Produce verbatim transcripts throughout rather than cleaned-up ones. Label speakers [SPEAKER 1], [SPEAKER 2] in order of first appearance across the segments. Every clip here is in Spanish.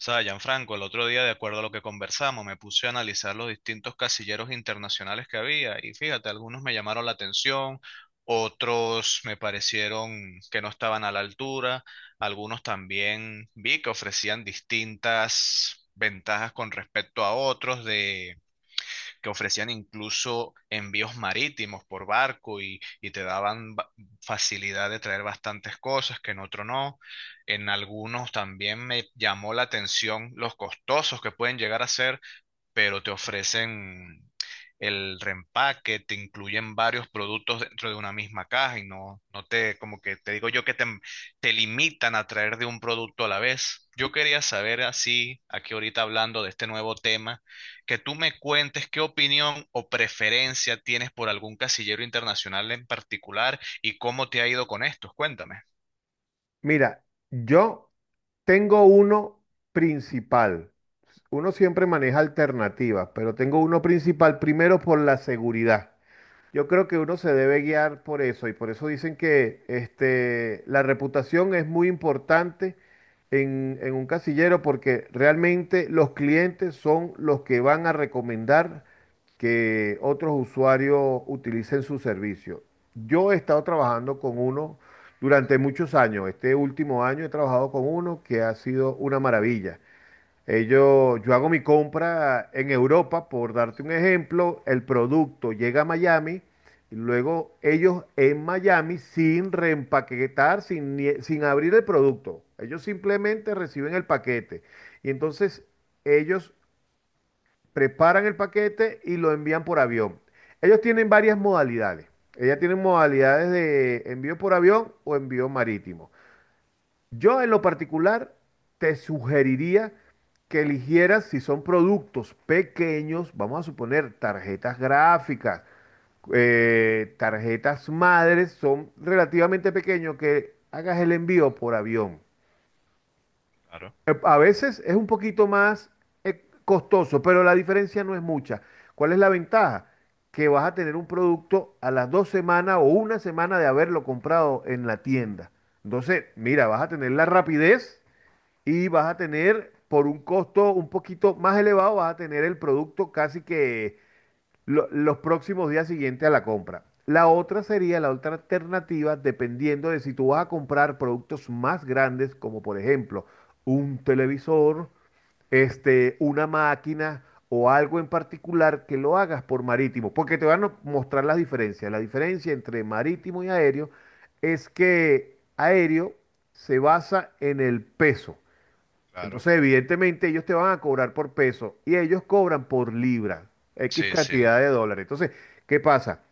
[SPEAKER 1] O sea, Gianfranco, el otro día, de acuerdo a lo que conversamos, me puse a analizar los distintos casilleros internacionales que había y fíjate, algunos me llamaron la atención, otros me parecieron que no estaban a la altura, algunos también vi que ofrecían distintas ventajas con respecto a otros de que ofrecían incluso envíos marítimos por barco y, y te daban ba- facilidad de traer bastantes cosas que en otro no. En algunos también me llamó la atención los costosos que pueden llegar a ser, pero te ofrecen el reempaque, te incluyen varios productos dentro de una misma caja y no, no te, como que te digo yo que te, te limitan a traer de un producto a la vez. Yo quería saber así, aquí ahorita hablando de este nuevo tema, que tú me cuentes qué opinión o preferencia tienes por algún casillero internacional en particular y cómo te ha ido con estos. Cuéntame.
[SPEAKER 2] Mira, yo tengo uno principal. Uno siempre maneja alternativas, pero tengo uno principal primero por la seguridad. Yo creo que uno se debe guiar por eso y por eso dicen que este, la reputación es muy importante en, en un casillero porque realmente los clientes son los que van a recomendar que otros usuarios utilicen su servicio. Yo he estado trabajando con uno durante muchos años. Este último año he trabajado con uno que ha sido una maravilla. Ellos, yo hago mi compra en Europa, por darte un ejemplo, el producto llega a Miami y luego ellos en Miami sin reempaquetar, sin, ni- sin abrir el producto. Ellos simplemente reciben el paquete y entonces ellos preparan el paquete y lo envían por avión. Ellos tienen varias modalidades. Ellas tienen modalidades de envío por avión o envío marítimo. Yo en lo particular te sugeriría que eligieras si son productos pequeños, vamos a suponer tarjetas gráficas, eh, tarjetas madres, son relativamente pequeños, que hagas el envío por avión.
[SPEAKER 1] Claro,
[SPEAKER 2] Eh, A veces es un poquito más eh, costoso, pero la diferencia no es mucha. ¿Cuál es la ventaja? Que vas a tener un producto a las dos semanas o una semana de haberlo comprado en la tienda. Entonces, mira, vas a tener la rapidez y vas a tener por un costo un poquito más elevado, vas a tener el producto casi que lo- los próximos días siguientes a la compra. La otra sería la otra alternativa, dependiendo de si tú vas a comprar productos más grandes, como por ejemplo un televisor, este, una máquina o algo en particular que lo hagas por marítimo, porque te van a mostrar las diferencias. La diferencia entre marítimo y aéreo es que aéreo se basa en el peso.
[SPEAKER 1] claro.
[SPEAKER 2] Entonces, evidentemente, ellos te van a cobrar por peso y ellos cobran por libra, X
[SPEAKER 1] Sí, sí,
[SPEAKER 2] cantidad de dólares. Entonces, ¿qué pasa?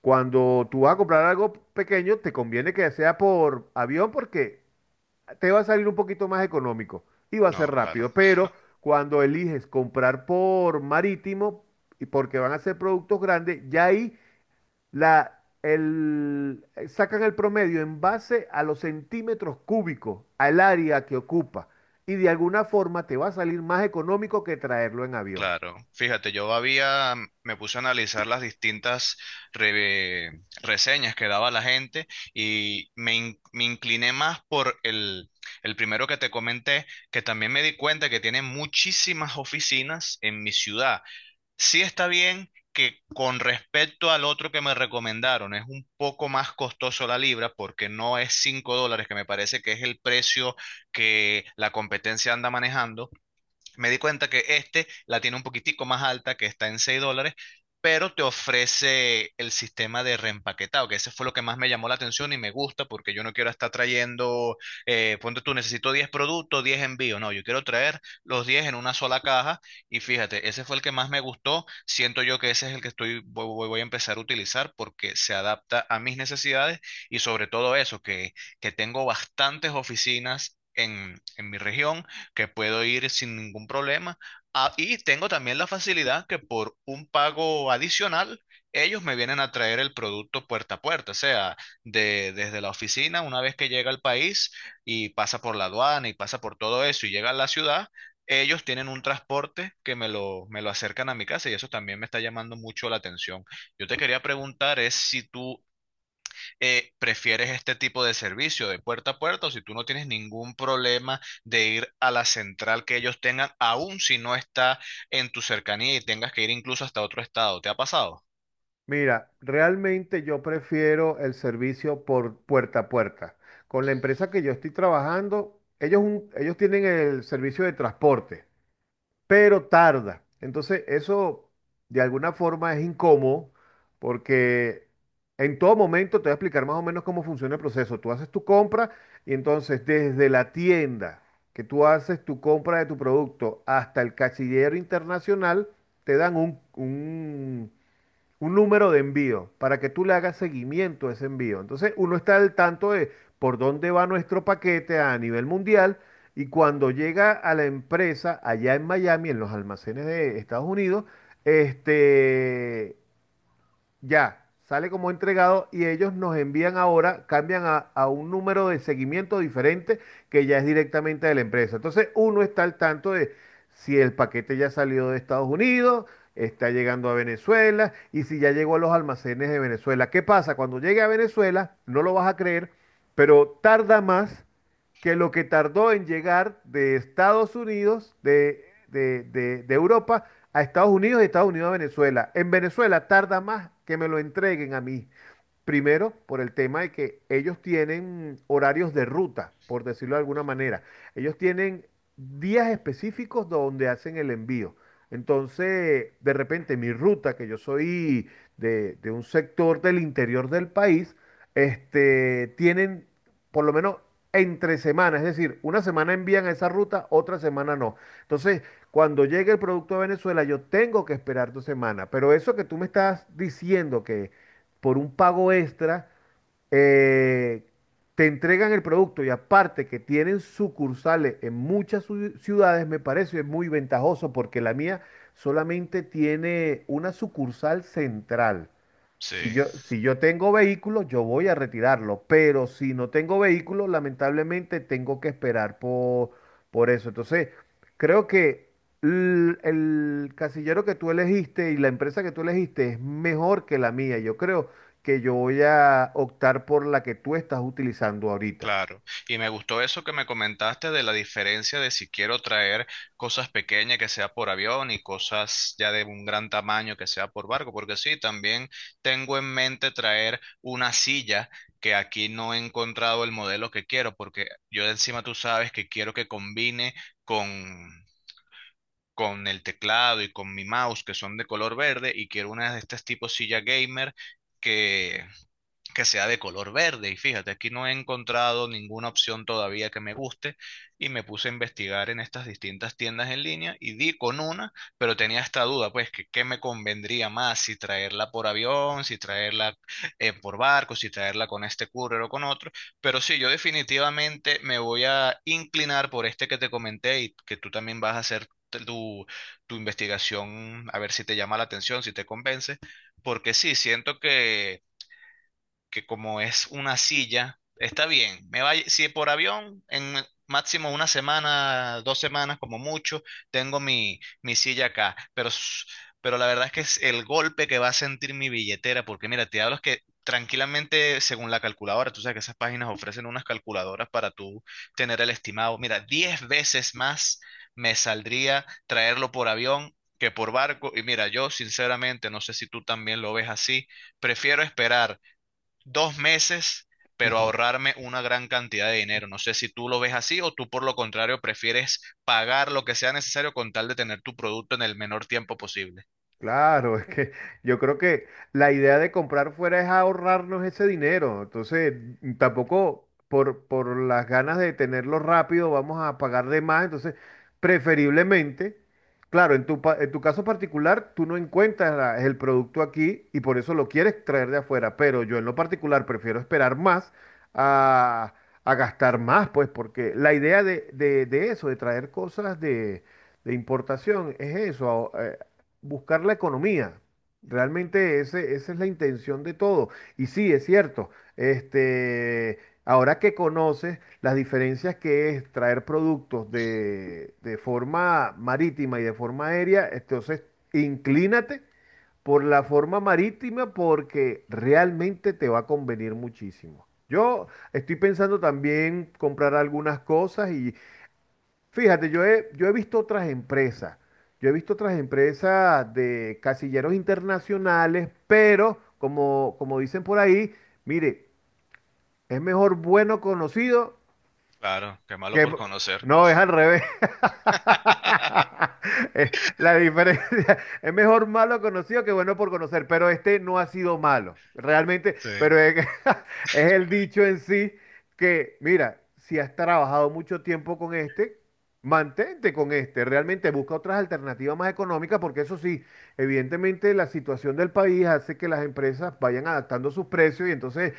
[SPEAKER 2] Cuando tú vas a comprar algo pequeño, te conviene que sea por avión porque te va a salir un poquito más económico y va a ser
[SPEAKER 1] no, claro.
[SPEAKER 2] rápido. Pero cuando eliges comprar por marítimo y porque van a ser productos grandes, ya ahí la, el, eh, sacan el promedio en base a los centímetros cúbicos, al área que ocupa, y de alguna forma te va a salir más económico que traerlo en avión.
[SPEAKER 1] Claro, fíjate, yo había, mm, me puse a analizar las distintas re- reseñas que daba la gente y me, in- me incliné más por el, el primero que te comenté, que también me di cuenta que tiene muchísimas oficinas en mi ciudad. Sí, está bien que con respecto al otro que me recomendaron es un poco más costoso la libra, porque no es cinco dólares, que me parece que es el precio que la competencia anda manejando. Me di cuenta que este la tiene un poquitico más alta, que está en seis dólares, pero te ofrece el sistema de reempaquetado, que ese fue lo que más me llamó la atención y me gusta, porque yo no quiero estar trayendo, eh, ponte tú, necesito diez productos, diez envíos. No, yo quiero traer los diez en una sola caja. Y fíjate, ese fue el que más me gustó. Siento yo que ese es el que estoy, voy, voy- voy a empezar a utilizar porque se adapta a mis necesidades y sobre todo eso, que, que tengo bastantes oficinas. En, en mi región, que puedo ir sin ningún problema. Ah, y tengo también la facilidad que por un pago adicional, ellos me vienen a traer el producto puerta a puerta, o sea, de, desde la oficina, una vez que llega al país y pasa por la aduana y pasa por todo eso y llega a la ciudad, ellos tienen un transporte que me lo, me lo acercan a mi casa, y eso también me está llamando mucho la atención. Yo te quería preguntar es si tú eh, prefieres este tipo de servicio de puerta a puerta, o si tú no tienes ningún problema de ir a la central que ellos tengan, aun si no está en tu cercanía y tengas que ir incluso hasta otro estado. ¿Te ha pasado?
[SPEAKER 2] Mira, realmente yo prefiero el servicio por puerta a puerta. Con la empresa que yo estoy trabajando, ellos, un- ellos tienen el servicio de transporte, pero tarda. Entonces, eso de alguna forma es incómodo porque en todo momento te voy a explicar más o menos cómo funciona el proceso. Tú haces tu compra y entonces desde la tienda que tú haces tu compra de tu producto hasta el cachillero internacional, te dan un, un- un número de envío para que tú le hagas seguimiento a ese envío. Entonces uno está al tanto de por dónde va nuestro paquete a nivel mundial, y cuando llega a la empresa allá en Miami, en los almacenes de Estados Unidos, este, ya sale como entregado y ellos nos envían ahora, cambian a, a un número de seguimiento diferente que ya es directamente de la empresa. Entonces uno está al tanto de si el paquete ya salió de Estados Unidos, está llegando a Venezuela y si ya llegó a los almacenes de Venezuela. ¿Qué pasa? Cuando llegue a Venezuela, no lo vas a creer, pero tarda más que lo que tardó en llegar de Estados Unidos, de, de- de- de Europa a Estados Unidos y Estados Unidos a Venezuela. En Venezuela tarda más que me lo entreguen a mí. Primero, por el tema de que ellos tienen horarios de ruta, por decirlo de alguna manera. Ellos tienen días específicos donde hacen el envío. Entonces, de repente, mi ruta, que yo soy de, de un sector del interior del país, este, tienen por lo menos entre semanas, es decir, una semana envían a esa ruta, otra semana no. Entonces, cuando llegue el producto a Venezuela, yo tengo que esperar dos semanas. Pero eso que tú me estás diciendo que por un pago extra, eh, te entregan el producto y aparte que tienen sucursales en muchas ciu- ciudades, me parece muy ventajoso porque la mía solamente tiene una sucursal central. Si
[SPEAKER 1] Sí.
[SPEAKER 2] yo, si yo tengo vehículo, yo voy a retirarlo, pero si no tengo vehículo, lamentablemente tengo que esperar por, por eso. Entonces, creo que l- el, casillero que tú elegiste y la empresa que tú elegiste es mejor que la mía. Yo creo que yo voy a optar por la que tú estás utilizando ahorita.
[SPEAKER 1] Claro, y me gustó eso que me comentaste de la diferencia de si quiero traer cosas pequeñas que sea por avión y cosas ya de un gran tamaño que sea por barco, porque sí, también tengo en mente traer una silla que aquí no he encontrado el modelo que quiero, porque yo de encima tú sabes que quiero que combine con, con el teclado y con mi mouse que son de color verde, y quiero una de estas tipo silla gamer que sea de color verde. Y fíjate, aquí no he encontrado ninguna opción todavía que me guste, y me puse a investigar en estas distintas tiendas en línea y di con una, pero tenía esta duda, pues, que qué me convendría más, si traerla por avión, si traerla eh, por barco, si traerla con este courier o con otro. Pero sí, yo definitivamente me voy a inclinar por este que te comenté y que tú también vas a hacer. Tu, tu investigación, a ver si te llama la atención, si te convence, porque sí, siento que que como es una silla, está bien. Me va, si por avión, en máximo una semana, dos semanas como mucho, tengo mi, mi silla acá. Pero, s- pero la verdad es que es el golpe que va a sentir mi billetera, porque mira, te hablo es que tranquilamente, según la calculadora, tú sabes que esas páginas ofrecen unas calculadoras para tú tener el estimado. Mira, diez veces más me saldría traerlo por avión que por barco. Y mira, yo sinceramente, no sé si tú también lo ves así, prefiero esperar dos meses, pero ahorrarme una gran cantidad de dinero. No sé si tú lo ves así o tú por lo contrario prefieres pagar lo que sea necesario con tal de tener tu producto en el menor tiempo posible.
[SPEAKER 2] Claro, es que yo creo que la idea de comprar fuera es ahorrarnos ese dinero. Entonces, mm, tampoco por, por las ganas de tenerlo rápido vamos a pagar de más. Entonces, preferiblemente, claro, en tu, pa- en tu caso particular, tú no encuentras la- el producto aquí y por eso lo quieres traer de afuera. Pero yo en lo particular prefiero esperar más a, a gastar más, pues, porque la idea de, de de eso, de traer cosas de de importación es eso, buscar la economía. Realmente ese- esa es la intención de todo. Y sí, es cierto, este, ahora que conoces las diferencias que es traer productos de, de forma marítima y de forma aérea, entonces inclínate por la forma marítima porque realmente te va a convenir muchísimo. Yo estoy pensando también comprar algunas cosas y fíjate, yo he, yo he visto otras empresas, yo he visto otras empresas de casilleros internacionales, pero como, como dicen por ahí, mire, es mejor bueno conocido
[SPEAKER 1] Claro, qué malo
[SPEAKER 2] que...
[SPEAKER 1] por conocer.
[SPEAKER 2] No, es al revés. Eh, La diferencia es mejor malo conocido que bueno por conocer, pero este no ha sido malo, realmente,
[SPEAKER 1] Sí,
[SPEAKER 2] pero es, que es el dicho en sí que, mira, si has trabajado mucho tiempo con este, mantente con este, realmente busca otras alternativas más económicas, porque eso sí, evidentemente la situación del país hace que las empresas vayan adaptando sus precios y entonces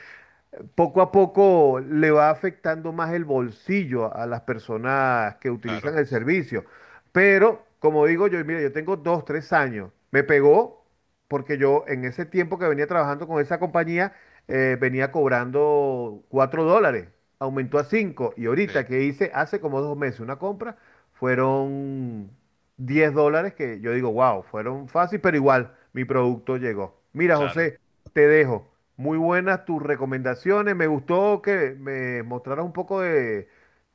[SPEAKER 2] poco a poco le va afectando más el bolsillo a las personas que utilizan
[SPEAKER 1] claro,
[SPEAKER 2] el servicio. Pero, como digo yo, mira, yo tengo dos, tres años. Me pegó porque yo en ese tiempo que venía trabajando con esa compañía, eh, venía cobrando cuatro dólares. Aumentó a cinco. Y ahorita
[SPEAKER 1] sí,
[SPEAKER 2] que hice hace como dos meses una compra, fueron diez dólares que yo digo, wow, fueron fácil, pero igual mi producto llegó. Mira,
[SPEAKER 1] claro,
[SPEAKER 2] José. Te dejo. Muy buenas tus recomendaciones. Me gustó que me mostraras un poco de,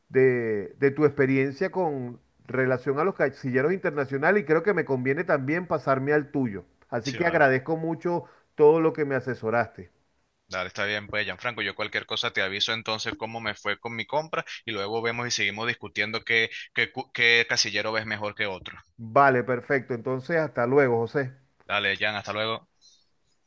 [SPEAKER 2] de- de tu experiencia con relación a los casilleros internacionales y creo que me conviene también pasarme al tuyo. Así
[SPEAKER 1] sí
[SPEAKER 2] que
[SPEAKER 1] va.
[SPEAKER 2] agradezco mucho todo lo que me asesoraste.
[SPEAKER 1] Dale, está bien, pues, Gianfranco, yo cualquier cosa te aviso entonces cómo me fue con mi compra, y luego vemos y seguimos discutiendo qué, qué, cu- qué casillero ves mejor que otro.
[SPEAKER 2] Vale, perfecto. Entonces, hasta luego, José.
[SPEAKER 1] Dale, Jan, hasta luego.